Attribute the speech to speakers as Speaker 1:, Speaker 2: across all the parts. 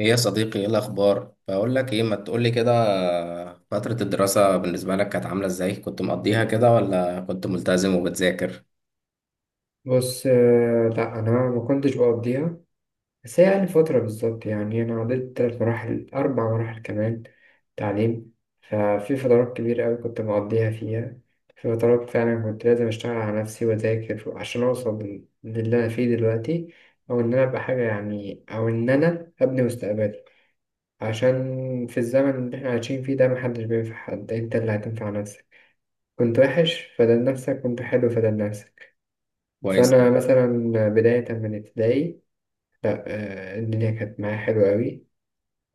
Speaker 1: ايه يا صديقي، ايه الاخبار؟ بقول لك ايه، ما تقول لي كده. فترة الدراسة بالنسبة لك كانت عاملة ازاي؟ كنت مقضيها كده ولا كنت ملتزم وبتذاكر؟
Speaker 2: بص، لا، انا ما كنتش بقضيها. بس هي يعني فتره بالظبط. يعني انا عديت 3 مراحل 4 مراحل كمان تعليم. ففي فترات كبيره قوي كنت مقضيها فيها، في فترات فعلا كنت لازم اشتغل على نفسي واذاكر عشان اوصل للي انا فيه دلوقتي، او ان انا ابقى حاجه، يعني او ان انا ابني مستقبلي. عشان في الزمن اللي احنا عايشين فيه ده محدش بينفع حد، انت اللي هتنفع نفسك. كنت وحش فدل نفسك، كنت حلو فدل نفسك.
Speaker 1: كويس.
Speaker 2: فأنا مثلا بداية من ابتدائي، لأ، الدنيا كانت معايا حلوة أوي.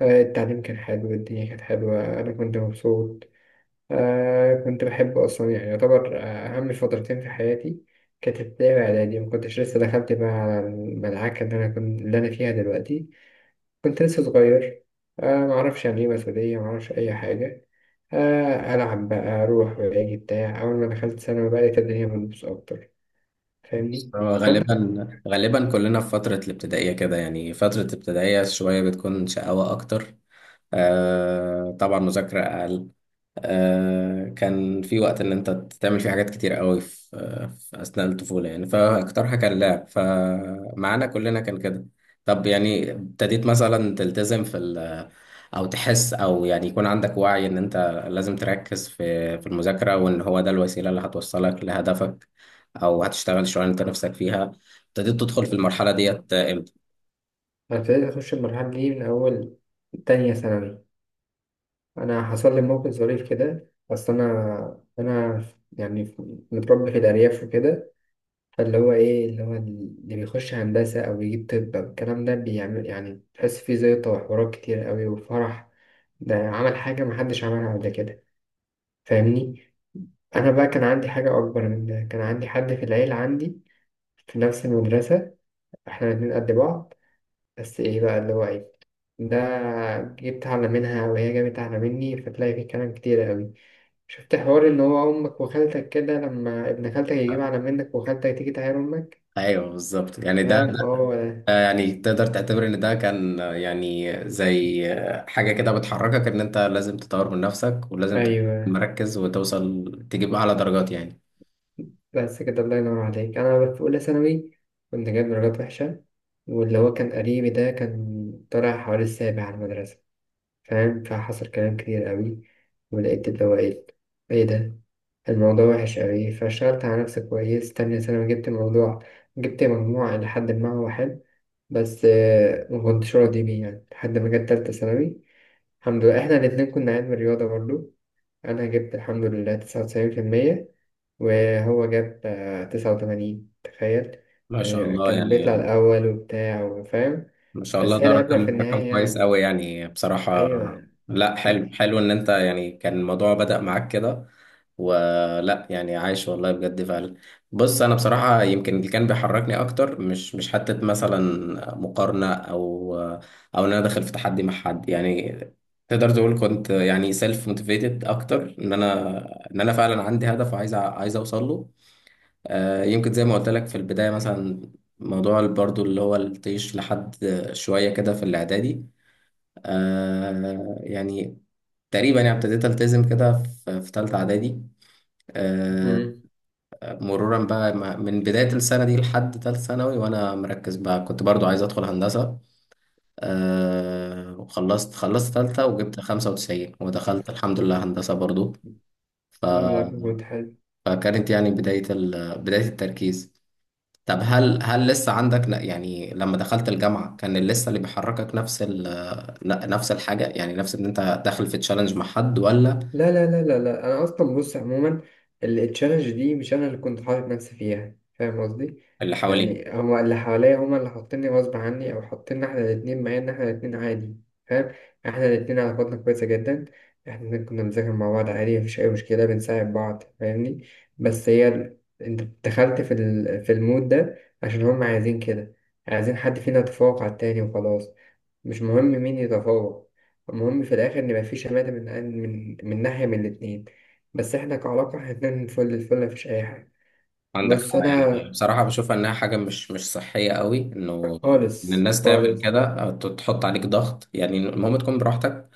Speaker 2: التعليم كان حلو، الدنيا كانت حلوة، أنا كنت مبسوط. كنت بحبه أصلا، يعني يعتبر أهم فترتين في حياتي كانت ابتدائي وإعدادي. مكنتش لسه دخلت بقى على المدعكة اللي أنا فيها دلوقتي، كنت لسه صغير. معرفش يعني إيه مسؤولية، معرفش أي حاجة. ألعب بقى أروح وأجي بتاع. أول ما دخلت ثانوي بقى لقيت الدنيا بتبوظ أكتر.
Speaker 1: بص،
Speaker 2: فاهمني؟
Speaker 1: هو
Speaker 2: فأنت
Speaker 1: غالبا كلنا في فترة الابتدائية كده، يعني فترة الابتدائية شوية بتكون شقاوة أكتر. آه طبعا، مذاكرة أقل. آه، كان في وقت إن أنت تعمل فيه حاجات كتير قوي في أثناء الطفولة يعني، فأكترها كان لعب، فمعانا كلنا كان كده. طب يعني ابتديت مثلا تلتزم في أو تحس أو يعني يكون عندك وعي إن أنت لازم تركز في المذاكرة، وإن هو ده الوسيلة اللي هتوصلك لهدفك، او هتشتغل شغلانه انت نفسك فيها. ابتديت تدخل في المرحله ديت امتى؟
Speaker 2: أنا ابتديت أخش المرحلة دي من أول تانية ثانوي. أنا حصل لي موقف ظريف كده، بس أنا يعني متربي في الأرياف وكده. فاللي هو إيه اللي هو اللي بيخش هندسة أو يجيب طب أو الكلام ده بيعمل، يعني تحس فيه زيطة وحوارات كتير أوي وفرح. ده عمل حاجة محدش عملها قبل كده. فاهمني؟ أنا بقى كان عندي حاجة أكبر من ده. كان عندي حد في العيلة، عندي في نفس المدرسة. إحنا الاتنين قد بعض. بس ايه بقى اللي هو ايه ده؟ جبت أعلى منها وهي جابت أعلى مني، فتلاقي في كلام كتير أوي. شفت حوار إن هو أمك وخالتك كده لما ابن خالتك يجيب أعلى منك وخالتك تيجي تعاير أمك.
Speaker 1: ايوه بالظبط، يعني ده,
Speaker 2: فاهم؟ هو ده.
Speaker 1: ده يعني تقدر تعتبر ان ده كان يعني زي حاجه كده بتحركك ان انت لازم تطور من نفسك، ولازم تبقى
Speaker 2: أيوه،
Speaker 1: مركز وتوصل، تجيب اعلى درجات يعني.
Speaker 2: بس كده الله ينور عليك. أنا في أولى ثانوي كنت جايب درجات وحشة، واللي هو كان قريبي ده كان طالع حوالي السابع على المدرسة. فاهم؟ فحصل كلام كتير قوي، ولقيت اللي هو ايه، ايه ده، الموضوع وحش قوي. فاشتغلت على نفسي كويس تانية ثانوي. جبت مجموع إلى حد ما هو حلو، بس ما كنتش راضي بيه. يعني لحد ما جت تالتة ثانوي، الحمد لله احنا الاتنين كنا علم رياضة برضو. أنا جبت الحمد لله 99%، وهو جاب 89. تخيل!
Speaker 1: ما شاء
Speaker 2: يعني
Speaker 1: الله
Speaker 2: كان
Speaker 1: يعني.
Speaker 2: بيطلع الأول وبتاع وفاهم.
Speaker 1: ما شاء الله،
Speaker 2: بس هي
Speaker 1: ده
Speaker 2: العبرة في
Speaker 1: رقم
Speaker 2: النهاية.
Speaker 1: كويس
Speaker 2: يعني
Speaker 1: قوي يعني بصراحة.
Speaker 2: أيوة.
Speaker 1: لا حلو، حلو ان انت، يعني كان الموضوع بدأ معاك كده، ولا يعني عايش؟ والله بجد فعلا. بص، انا بصراحة يمكن اللي كان بيحركني اكتر مش حتة مثلا مقارنة، او ان انا داخل في تحدي مع حد يعني. تقدر تقول كنت يعني سيلف موتيفيتد اكتر، ان انا ان انا فعلا عندي هدف، وعايز عايز اوصل له. آه، يمكن زي ما قلت لك في البداية مثلا موضوع برضو اللي هو الطيش لحد شوية كده في الإعدادي. يعني تقريبا يعني ابتديت ألتزم كده في تالتة إعدادي. آه،
Speaker 2: كانت.
Speaker 1: مرورا بقى، من بداية السنة دي لحد تالتة ثانوي وأنا مركز بقى، كنت برضو عايز أدخل هندسة. وخلصت تالتة، وجبت 95 ودخلت الحمد لله هندسة برضو. ف...
Speaker 2: لا، كنت حلو.
Speaker 1: فكانت يعني بداية التركيز. طب هل لسه عندك يعني لما دخلت الجامعة كان لسه اللي بيحركك نفس نفس الحاجة؟ يعني نفس ان انت داخل في تشالنج مع حد، ولا
Speaker 2: لا لا لا لا لا، انا اصلا بص عموما التشالنج دي مش انا اللي كنت حاطط نفسي فيها، فاهم قصدي؟
Speaker 1: اللي حواليك
Speaker 2: يعني هما اللي حواليا، هما اللي حاطيني غصب عني، او حاطيننا احنا الاتنين، مع ان احنا الاتنين عادي. فاهم؟ احنا الاتنين علاقتنا كويسه جدا. احنا الاتنين كنا بنذاكر مع بعض عادي، مفيش اي مشكله، بنساعد بعض. فاهمني؟ بس هي انت دخلت في في المود ده عشان هما عايزين كده. عايزين حد فينا يتفوق على التاني وخلاص. مش مهم مين يتفوق، المهم في الآخر إن يبقى شماتة من ناحية من الاتنين. بس إحنا كعلاقة إحنا اتنين فل الفل، مفيش أي حاجة.
Speaker 1: عندك؟
Speaker 2: بص
Speaker 1: يعني
Speaker 2: أنا
Speaker 1: بصراحة بشوف انها حاجة مش صحية قوي، انه ان
Speaker 2: خالص
Speaker 1: الناس تعمل
Speaker 2: خالص.
Speaker 1: كده. تحط عليك ضغط يعني. المهم تكون براحتك،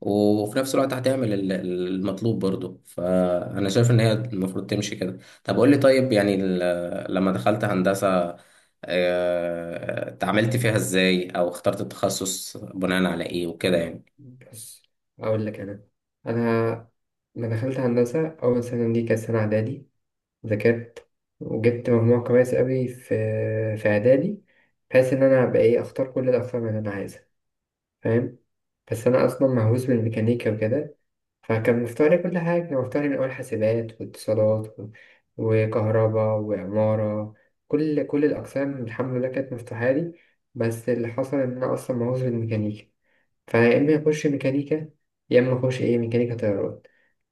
Speaker 1: وفي نفس الوقت هتعمل المطلوب برضه، فأنا شايف إن هي المفروض تمشي كده. طب قول لي، طيب يعني، لما دخلت هندسة، اتعاملت فيها إزاي؟ أو اخترت التخصص بناء على إيه وكده يعني.
Speaker 2: بص أقول لك، أنا لما دخلت هندسة أول سنة دي كانت سنة إعدادي، ذاكرت وجبت مجموع كويس أوي في إعدادي، بحيث إن أنا أبقى إيه أختار كل الأقسام اللي أنا عايزها. فاهم؟ بس أنا أصلا مهووس بالميكانيكا وكده. فكان مفتوح لي كل حاجة، كان مفتوح لي من أول حاسبات واتصالات وكهرباء وعمارة. كل الأقسام الحمد لله كانت مفتوحة لي. بس اللي حصل إن أنا أصلا مهووس بالميكانيكا، فيا إما أخش ميكانيكا، يا إما أخش إيه ميكانيكا طيران.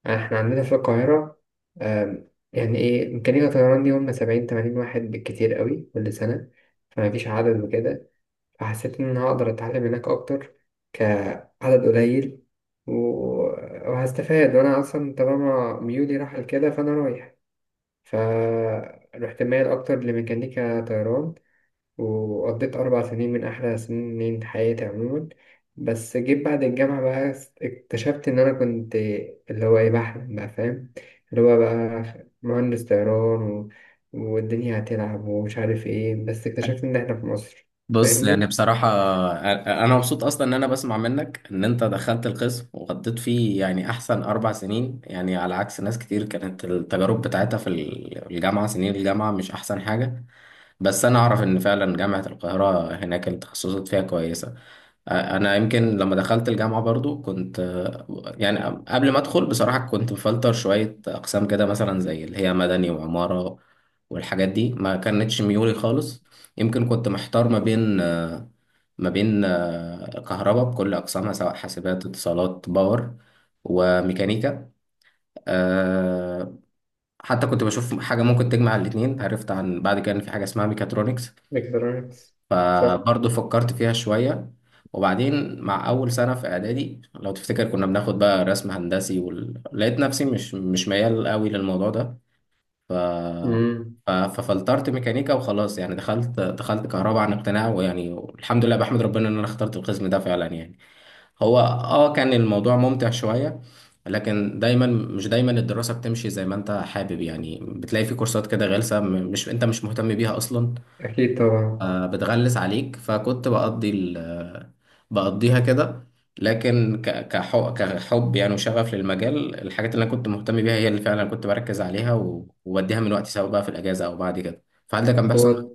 Speaker 2: يعني إحنا عندنا في القاهرة، يعني إيه ميكانيكا طيران دي هم 70 80 واحد بالكتير قوي كل سنة. فمفيش عدد وكده. فحسيت إن أنا هقدر أتعلم هناك أكتر، كعدد قليل، و- وهستفاد. وأنا أصلا طالما ميولي راح لكده، فأنا رايح. فروحت مايل أكتر لميكانيكا طيران، وقضيت 4 سنين من أحلى سنين حياتي عموما. بس جيت بعد الجامعة بقى، اكتشفت إن أنا كنت اللي هو إيه بحلم بقى، فاهم؟ اللي هو بقى مهندس طيران، والدنيا هتلعب ومش عارف إيه. بس اكتشفت إن إحنا في مصر.
Speaker 1: بص، يعني
Speaker 2: فاهمني؟
Speaker 1: بصراحة، أنا مبسوط أصلا إن أنا بسمع منك إن أنت دخلت القسم وقضيت فيه يعني أحسن 4 سنين، يعني على عكس ناس كتير كانت التجارب بتاعتها في الجامعة سنين الجامعة مش أحسن حاجة. بس انا اعرف ان فعلا جامعة القاهرة هناك التخصصات فيها كويسة. انا يمكن لما دخلت الجامعة برضو كنت، يعني قبل ما ادخل بصراحة، كنت مفلتر شوية اقسام كده، مثلا زي اللي هي مدني وعمارة والحاجات دي، ما كانتش ميولي خالص. يمكن كنت محتار ما بين كهرباء بكل أقسامها، سواء حاسبات، اتصالات، باور، وميكانيكا. آه، حتى كنت بشوف حاجة ممكن تجمع الاتنين، عرفت عن بعد كان في حاجة اسمها ميكاترونكس،
Speaker 2: مقدارات. صح.
Speaker 1: فبرضه فكرت فيها شوية. وبعدين مع أول سنة في إعدادي لو تفتكر كنا بناخد بقى رسم هندسي، لقيت نفسي مش ميال قوي للموضوع ده. ف...
Speaker 2: امم
Speaker 1: ففلترت ميكانيكا وخلاص يعني، دخلت كهرباء عن اقتناع، ويعني الحمد لله بحمد ربنا إن أنا اخترت القسم ده فعلا يعني. هو آه كان الموضوع ممتع شوية، لكن دايما مش دايما الدراسة بتمشي زي ما انت حابب يعني، بتلاقي في كورسات كده غلسة، مش انت مش مهتم بيها اصلا،
Speaker 2: اكيد طبعا.
Speaker 1: بتغلس عليك، فكنت بقضي ال آه، بقضيها كده. لكن كحب يعني وشغف للمجال، الحاجات اللي انا كنت مهتم بيها هي اللي فعلا كنت بركز عليها، وبديها من وقتي، سواء بقى في الاجازه او بعد كده. فهل ده كان بيحصل
Speaker 2: هو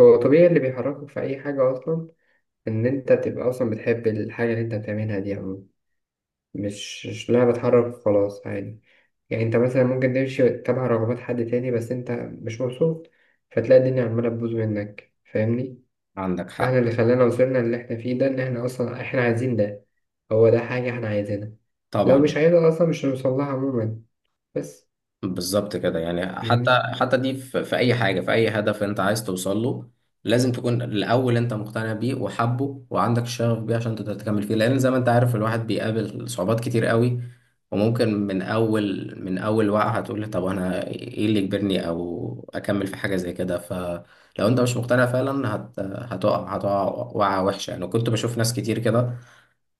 Speaker 2: هو طبيعي اللي بيحركك في اي حاجه، اصلا ان انت تبقى اصلا بتحب الحاجه اللي انت بتعملها دي عموما. مش لها بتحرك خلاص عادي. يعني انت مثلا ممكن تمشي تبع رغبات حد تاني، بس انت مش مبسوط فتلاقي الدنيا عماله تبوظ منك. فاهمني؟
Speaker 1: عندك؟
Speaker 2: فاحنا
Speaker 1: حق
Speaker 2: اللي خلانا وصلنا اللي احنا فيه ده، ان احنا اصلا احنا عايزين ده. هو ده حاجه احنا عايزينها. لو
Speaker 1: طبعا.
Speaker 2: مش عايزها اصلا مش هنوصلها عموما. بس
Speaker 1: بالظبط كده يعني، حتى
Speaker 2: فاهمني؟
Speaker 1: حتى دي في اي حاجه، في اي هدف انت عايز توصل له، لازم تكون الاول انت مقتنع بيه وحبه وعندك شغف بيه عشان تقدر تكمل فيه، لان زي ما انت عارف الواحد بيقابل صعوبات كتير قوي، وممكن من اول وقعه هتقول طب انا ايه اللي يجبرني او اكمل في حاجه زي كده. فلو انت مش مقتنع فعلا هت هتقع هتقع وقعه وحشه يعني. كنت بشوف ناس كتير كده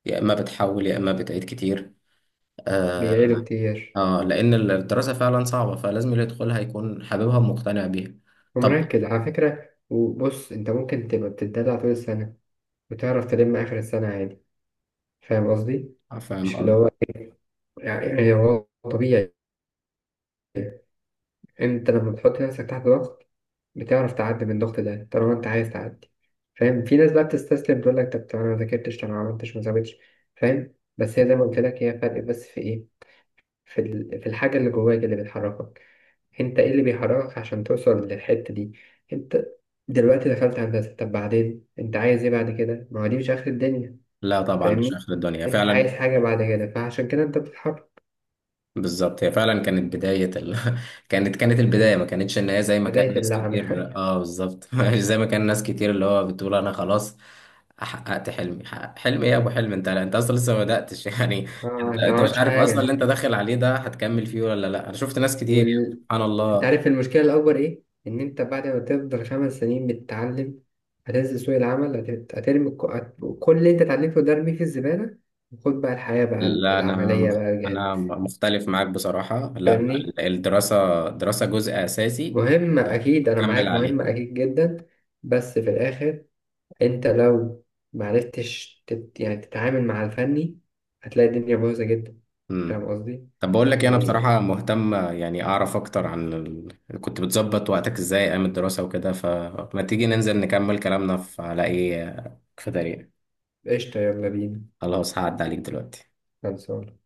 Speaker 1: يا اما بتحول يا اما بتعيد كتير. آه،
Speaker 2: بيعيدوا كتير.
Speaker 1: اه، لان الدراسه فعلا صعبه، فلازم اللي يدخلها يكون حاببها ومقتنع بيها. طبعا.
Speaker 2: ومركز على فكرة. وبص، أنت ممكن تبقى بتتدلع طول السنة وتعرف تلم آخر السنة عادي. فاهم قصدي؟
Speaker 1: فاهم
Speaker 2: مش اللي
Speaker 1: قصدي.
Speaker 2: هو، يعني هو طبيعي. أنت لما بتحط نفسك تحت ضغط، بتعرف تعدي من الضغط ده طالما أنت عايز تعدي. فاهم؟ في ناس بقى بتستسلم تقول لك طب أنا ما ذاكرتش، طب أنا ما عملتش، ما سويتش. فاهم؟ بس هي زي ما قلت لك، هي فرق بس في إيه؟ في في الحاجة اللي جواك اللي بتحركك. انت ايه اللي بيحركك عشان توصل للحتة دي؟ انت دلوقتي دخلت هندسة، طب بعدين انت عايز ايه بعد كده؟ ما هو دي مش اخر الدنيا.
Speaker 1: لا طبعا مش
Speaker 2: فاهمني؟
Speaker 1: اخر الدنيا
Speaker 2: انت عايز
Speaker 1: فعلا.
Speaker 2: حاجة بعد كده، فعشان كده انت بتتحرك.
Speaker 1: بالظبط، هي فعلا كانت كانت البدايه، ما كانتش ان هي زي ما كان
Speaker 2: بداية
Speaker 1: ناس
Speaker 2: اللعنة.
Speaker 1: كتير، اه بالظبط مش زي ما كان ناس كتير اللي هو بتقول انا خلاص حققت حلمي، حلم ايه يا ابو حلم؟ انت اصلا لسه ما بداتش يعني. انت
Speaker 2: انت ما
Speaker 1: مش
Speaker 2: عملتش
Speaker 1: عارف اصلا اللي
Speaker 2: حاجة.
Speaker 1: انت داخل عليه ده هتكمل فيه ولا، لا انا شفت ناس كتير يعني
Speaker 2: وال...
Speaker 1: سبحان
Speaker 2: انت
Speaker 1: الله.
Speaker 2: عارف المشكلة الأكبر ايه؟ إن انت بعد ما تفضل 5 سنين بتتعلم، هتنزل سوق العمل، هترمي كل اللي انت اتعلمته ده ارميه في الزبالة، وخد بقى الحياة بقى
Speaker 1: لا انا
Speaker 2: العملية بقى بجد.
Speaker 1: مختلف معاك بصراحة، لا
Speaker 2: فاهمني؟
Speaker 1: الدراسة دراسة جزء اساسي
Speaker 2: مهم أكيد، أنا معاك،
Speaker 1: بكمل
Speaker 2: مهم
Speaker 1: عليه.
Speaker 2: أكيد جدا. بس في الآخر أنت لو معرفتش يعني تتعامل مع الفني، هتلاقي الدنيا بايظة جدا. فاهم
Speaker 1: امم.
Speaker 2: قصدي؟
Speaker 1: طب بقول لك إيه، انا
Speaker 2: يعني
Speaker 1: بصراحة مهتم يعني اعرف اكتر عن كنت بتظبط وقتك ازاي ايام الدراسة وكده؟ فما تيجي ننزل نكمل كلامنا في على ايه، في طريق.
Speaker 2: قشطة، يلا بينا.
Speaker 1: خلاص، هعدي عليك دلوقتي.
Speaker 2: خلصانة.